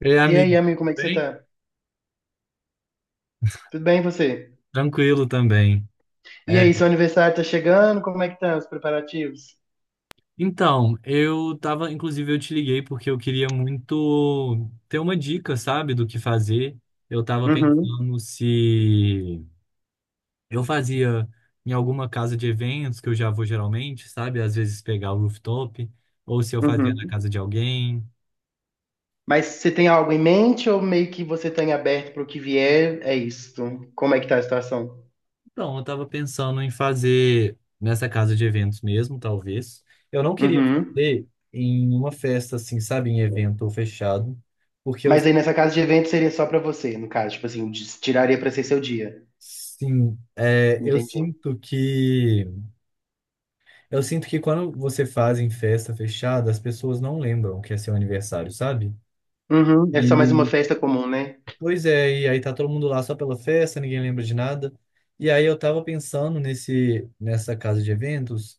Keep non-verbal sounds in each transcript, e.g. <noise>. Ei, E aí, amigo, amigo, como é que você bem? tá? Tudo bem, e você? Tranquilo também. E É, aí, seu aniversário tá chegando? Como é que tá os preparativos? Então, eu tava, inclusive, eu te liguei porque eu queria muito ter uma dica, sabe, do que fazer. Eu tava Uhum, pensando se eu fazia em alguma casa de eventos, que eu já vou geralmente, sabe, às vezes pegar o rooftop, ou se eu fazia na uhum. casa de alguém. Mas você tem algo em mente ou meio que você tá em aberto para o que vier? É isso. Como é que tá a situação? Então, eu tava pensando em fazer nessa casa de eventos mesmo, talvez. Eu não queria Uhum. fazer em uma festa, assim, sabe, em evento fechado, porque eu, Mas aí nessa casa de evento seria só pra você, no caso, tipo assim, tiraria pra ser seu dia. sim, é, Entendi. Eu sinto que quando você faz em festa fechada, as pessoas não lembram que é seu aniversário, sabe? Uhum. É só mais uma E, festa comum, né? pois é, e aí tá todo mundo lá só pela festa, ninguém lembra de nada. E aí eu tava pensando nessa casa de eventos,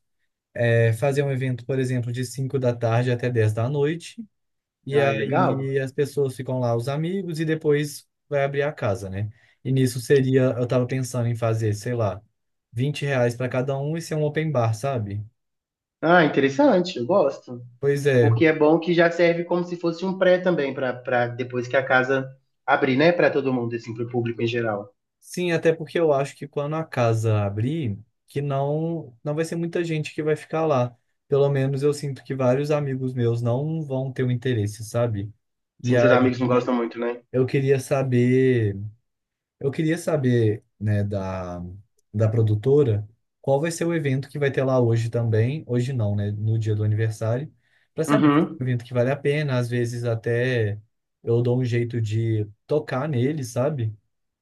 fazer um evento, por exemplo, de 5 da tarde até 22h, e Ah, legal. aí as pessoas ficam lá, os amigos, e depois vai abrir a casa, né? E nisso seria, eu tava pensando em fazer, sei lá, R$ 20 para cada um e ser um open bar, sabe? Ah, interessante, eu gosto. Pois é. Porque é bom que já serve como se fosse um pré também, para depois que a casa abrir, né? Para todo mundo, assim, para o público em geral. Sim, até porque eu acho que quando a casa abrir, que não, não vai ser muita gente que vai ficar lá. Pelo menos eu sinto que vários amigos meus não vão ter o interesse, sabe? E Sim, seus amigos não aí gostam muito, né? eu queria saber. Eu queria saber, né, da produtora, qual vai ser o evento que vai ter lá hoje também, hoje não, né, no dia do aniversário, para saber se Uhum. é um evento que vale a pena, às vezes até eu dou um jeito de tocar nele, sabe?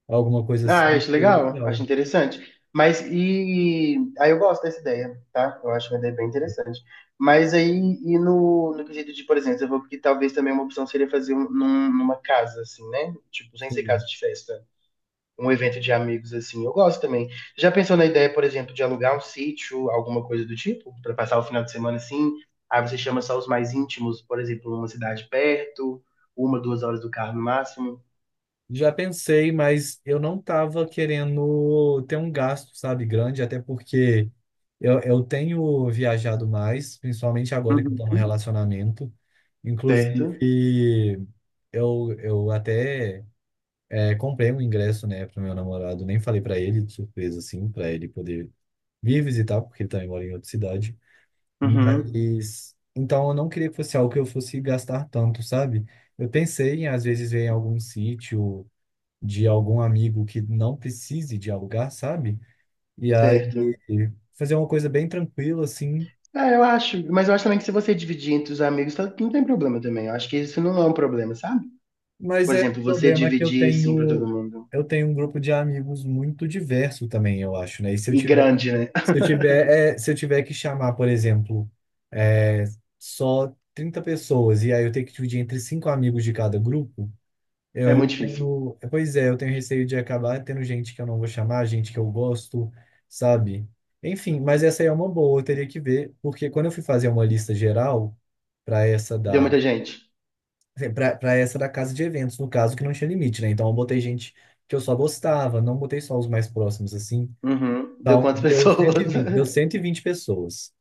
Alguma coisa Ah, assim, acho seria legal, acho legal. interessante. Mas e. Aí eu gosto dessa ideia, tá? Eu acho uma ideia bem interessante. Mas aí, e no quesito de, por exemplo, eu vou porque talvez também uma opção seria fazer um, numa casa, assim, né? Tipo, sem ser Sim. casa de festa. Um evento de amigos assim, eu gosto também. Já pensou na ideia, por exemplo, de alugar um sítio, alguma coisa do tipo, para passar o final de semana assim? Aí você chama só os mais íntimos, por exemplo, numa cidade perto, uma, duas horas do carro no máximo. Já pensei, mas eu não tava querendo ter um gasto, sabe, grande, até porque eu tenho viajado mais, principalmente agora que eu tô no Uhum. relacionamento. Certo? Inclusive, Eu comprei um ingresso, né, pro meu namorado. Nem falei pra ele, de surpresa, assim, pra ele poder vir visitar, porque ele também mora em outra cidade. Uhum. Mas, então, eu não queria que fosse algo que eu fosse gastar tanto, sabe? Eu pensei em, às vezes, ver em algum sítio de algum amigo que não precise de alugar, sabe? E aí, Certo. fazer uma coisa bem tranquila, assim. Ah, eu acho, mas eu acho também que se você dividir entre os amigos, não tem problema também. Eu acho que isso não é um problema, sabe? Mas Por é, o exemplo, você problema é que dividir assim pra todo mundo. eu tenho um grupo de amigos muito diverso também, eu acho, né? E grande, né? Se eu tiver, se eu tiver que chamar, por exemplo, é, só 30 pessoas e aí eu tenho que dividir entre cinco amigos de cada grupo, <laughs> É muito difícil. Pois é, eu tenho receio de acabar tendo gente que eu não vou chamar, gente que eu gosto, sabe? Enfim, mas essa aí é uma boa, eu teria que ver, porque quando eu fui fazer uma lista geral para essa Deu da muita gente. para essa da casa de eventos, no caso que não tinha limite, né? Então eu botei gente que eu só gostava, não botei só os mais próximos assim. Uhum. Deu quantas Então, deu pessoas? 120, deu <laughs> 120 pessoas.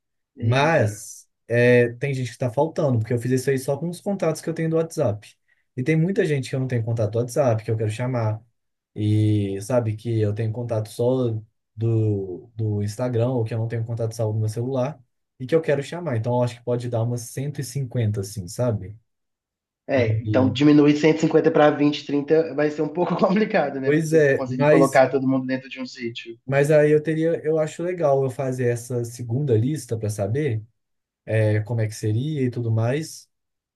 Eita. Mas é, tem gente que está faltando, porque eu fiz isso aí só com os contatos que eu tenho do WhatsApp. E tem muita gente que eu não tenho contato do WhatsApp, que eu quero chamar. E sabe que eu tenho contato só do Instagram, ou que eu não tenho contato salvo no meu celular, e que eu quero chamar. Então, eu acho que pode dar umas 150 assim, sabe? E, É, então e- diminuir 150 para 20, 30 vai ser um pouco <laughs> complicado, né? Pra pois você é, conseguir colocar todo mundo dentro de um sítio. mas aí eu teria, eu acho legal eu fazer essa segunda lista para saber. É como é que seria e tudo mais,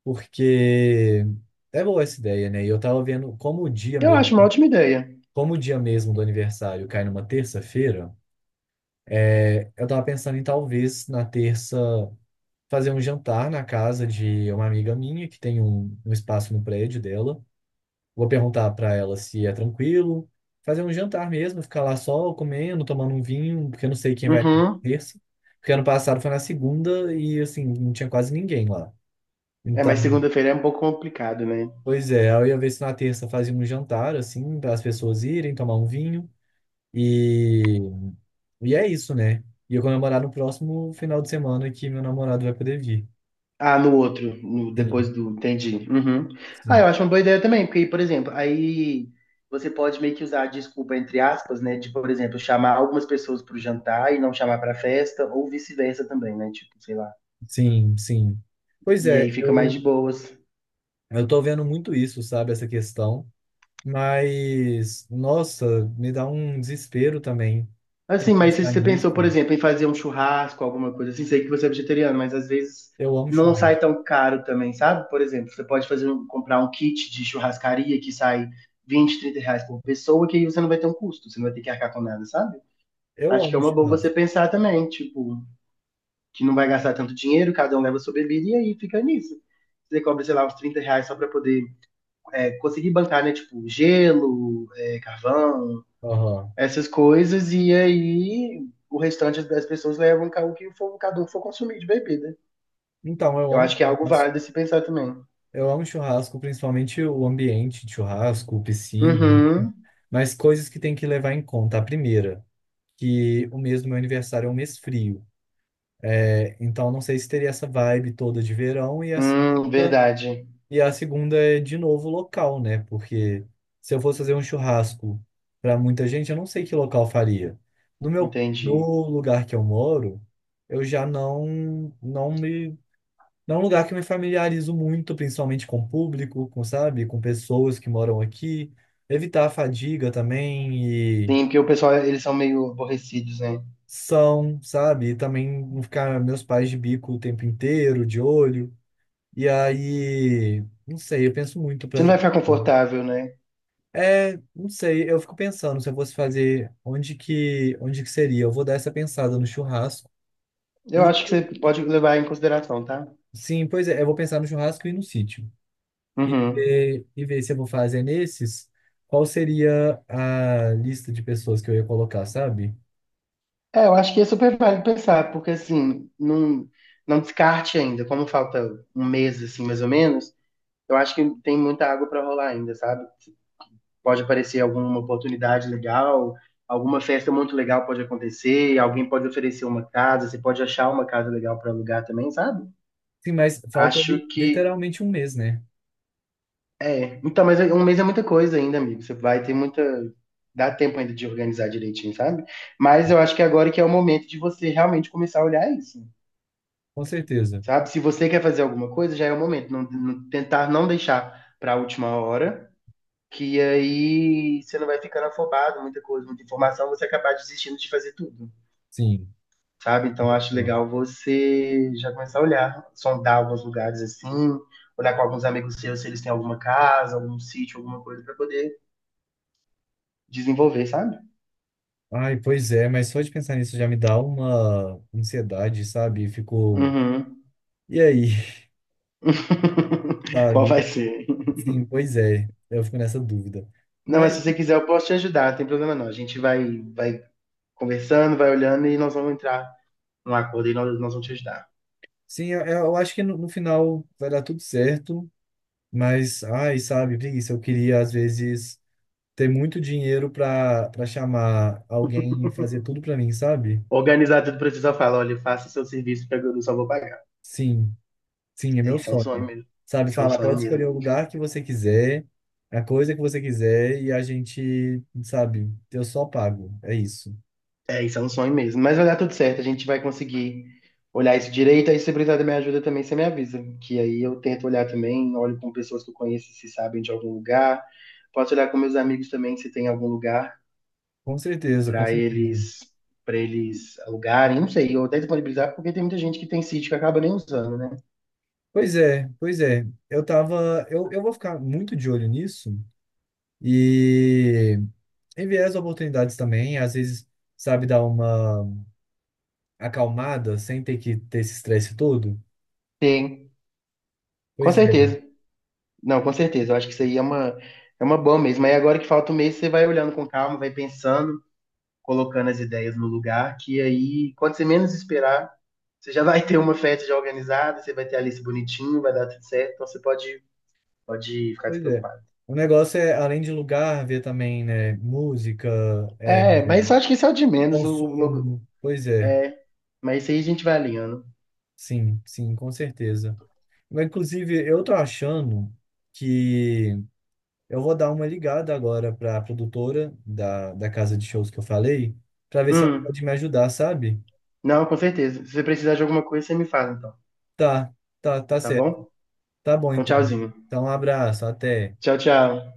porque é boa essa ideia, né? E eu tava vendo Eu acho uma ótima ideia. como o dia mesmo do aniversário cai numa terça-feira, eu tava pensando em talvez na terça fazer um jantar na casa de uma amiga minha que tem um espaço no prédio dela. Vou perguntar para ela se é tranquilo. Fazer um jantar mesmo, ficar lá só comendo, tomando um vinho, porque eu não sei quem vai na Uhum. terça. Porque ano passado foi na segunda e, assim, não tinha quase ninguém lá. É, Então, mas segunda-feira é um pouco complicado, né? pois é, eu ia ver se na terça fazia um jantar, assim, para as pessoas irem tomar um vinho. E, é isso, né? E eu comemorar no próximo final de semana que meu namorado vai poder vir. Ah, no outro, depois Sim, do. Entendi. Uhum. Ah, sim, eu acho uma boa ideia também, porque, por exemplo, aí você pode meio que usar a desculpa entre aspas, né? De, por exemplo, chamar algumas pessoas para o jantar e não chamar para a festa, ou vice-versa também, né? Tipo, sei lá. sim, sim. Pois E é, aí fica mais de boas. eu tô vendo muito isso, sabe, essa questão. Mas, nossa, me dá um desespero também. Tem Assim, que mas se pensar você nisso. pensou, por exemplo, em fazer um churrasco, alguma coisa assim, sei que você é vegetariano, mas às vezes Eu amo não sai churrasco. tão caro também, sabe? Por exemplo, você pode fazer comprar um kit de churrascaria que sai 20 a 30 reais por pessoa, que aí você não vai ter um custo, você não vai ter que arcar com nada, sabe? Eu Acho que é amo uma boa você churrasco. pensar também, tipo, que não vai gastar tanto dinheiro, cada um leva sua bebida e aí fica nisso. Você cobra, sei lá, uns 30 reais só pra poder conseguir bancar, né? Tipo, gelo, é, carvão, Aham. essas coisas, e aí o restante das pessoas levam o que o cada um for consumir de bebida. Então, eu Eu amo acho que é algo churrasco. válido se pensar também. Eu amo churrasco, principalmente o ambiente de churrasco, piscina, Uhum. mas coisas que tem que levar em conta. A primeira, que o mês do meu aniversário é um mês frio, então não sei se teria essa vibe toda de verão. Verdade. E a segunda é de novo o local, né? Porque se eu fosse fazer um churrasco para muita gente, eu não sei que local eu faria. Entendi. No lugar que eu moro, eu já não, não me é um lugar que eu me familiarizo muito, principalmente com o público, com, sabe, com pessoas que moram aqui. Evitar a fadiga também e Sim, porque o pessoal, eles são meio aborrecidos, né? são, sabe? E também não ficar meus pais de bico o tempo inteiro, de olho. E aí, não sei, eu penso muito pra... Você não vai ficar confortável, né? É, não sei, eu fico pensando se eu fosse fazer onde que seria. Eu vou dar essa pensada no churrasco. Eu E acho que você pode levar em consideração, tá? sim, pois é, eu vou pensar no churrasco e no sítio. e Uhum. ver, e ver se eu vou fazer nesses, qual seria a lista de pessoas que eu ia colocar, sabe? É, eu acho que é super válido pensar, porque assim, não, não descarte ainda, como falta 1 mês, assim, mais ou menos, eu acho que tem muita água pra rolar ainda, sabe? Pode aparecer alguma oportunidade legal, alguma festa muito legal pode acontecer, alguém pode oferecer uma casa, você pode achar uma casa legal para alugar também, sabe? Sim, mas falta Acho que literalmente um mês, né? é. Então, mas um mês é muita coisa ainda, amigo. Você vai ter muita. Dá tempo ainda de organizar direitinho, sabe? Mas eu acho que agora que é o momento de você realmente começar a olhar isso, Com certeza. sabe? Se você quer fazer alguma coisa, já é o momento. Tentar não deixar para a última hora que aí você não vai ficando afobado, muita coisa, muita informação, você acabar desistindo de fazer tudo, Sim. sabe? Então acho Pô. legal você já começar a olhar, sondar alguns lugares assim, olhar com alguns amigos seus se eles têm alguma casa, algum sítio, alguma coisa pra poder desenvolver, sabe? Ai, pois é, mas só de pensar nisso já me dá uma ansiedade, sabe? Ficou. Uhum. E aí, <laughs> <laughs> Qual sabe? vai ser? Sim, pois é. Eu fico nessa dúvida. Não, mas Mas, se você quiser, eu posso te ajudar, não tem problema não. A gente vai conversando, vai olhando e nós vamos entrar num acordo e nós vamos te ajudar. sim, eu acho que no final vai dar tudo certo. Mas, ai, sabe, preguiça, eu queria às vezes. Ter muito dinheiro pra chamar alguém e fazer tudo pra mim, sabe? Organizar tudo pra você só falar, olha, faça seu serviço, porque eu só vou pagar. Sim, sim, é É, meu isso é um sonho sonho. mesmo. Sabe, Isso é um falar, sonho pode escolher mesmo. o lugar que você quiser, a coisa que você quiser, e a gente, sabe, eu só pago. É isso. É, isso é um sonho mesmo. Mas vai dar tudo certo, a gente vai conseguir olhar isso direito. Aí, se precisar da minha ajuda também, você me avisa. Que aí eu tento olhar também, olho com pessoas que eu conheço se sabem de algum lugar. Posso olhar com meus amigos também se tem algum lugar Com certeza, com para certeza. eles para eles alugarem, não sei, ou até disponibilizar, porque tem muita gente que tem sítio que acaba nem usando, né? Pois é, pois é. Eu tava. Eu vou ficar muito de olho nisso e enviar as oportunidades também. Às vezes, sabe, dar uma acalmada sem ter que ter esse estresse todo. Tem, com Pois é. certeza. Não, com certeza. Eu acho que é uma boa mesmo. Aí agora que falta 1 mês, você vai olhando com calma, vai pensando, colocando as ideias no lugar, que aí, quando você menos esperar, você já vai ter uma festa já organizada, você vai ter a lista bonitinho, vai dar tudo certo, então pode ficar Pois é. despreocupado. O negócio é, além de lugar, ver também, né? Música, é, É, mas eu acho que isso é o de menos, o logo. consumo. Pois é. É, mas isso aí a gente vai alinhando. Sim, sim, com certeza. Mas, inclusive, eu tô achando que eu vou dar uma ligada agora para a produtora da casa de shows que eu falei, para ver se ela Hum, pode me ajudar, sabe? não, com certeza. Se você precisar de alguma coisa, você me fala então, Tá, tá, tá tá certo. bom? Tá bom, Então, então. tchauzinho. Então, um abraço, até. Tchau, tchau.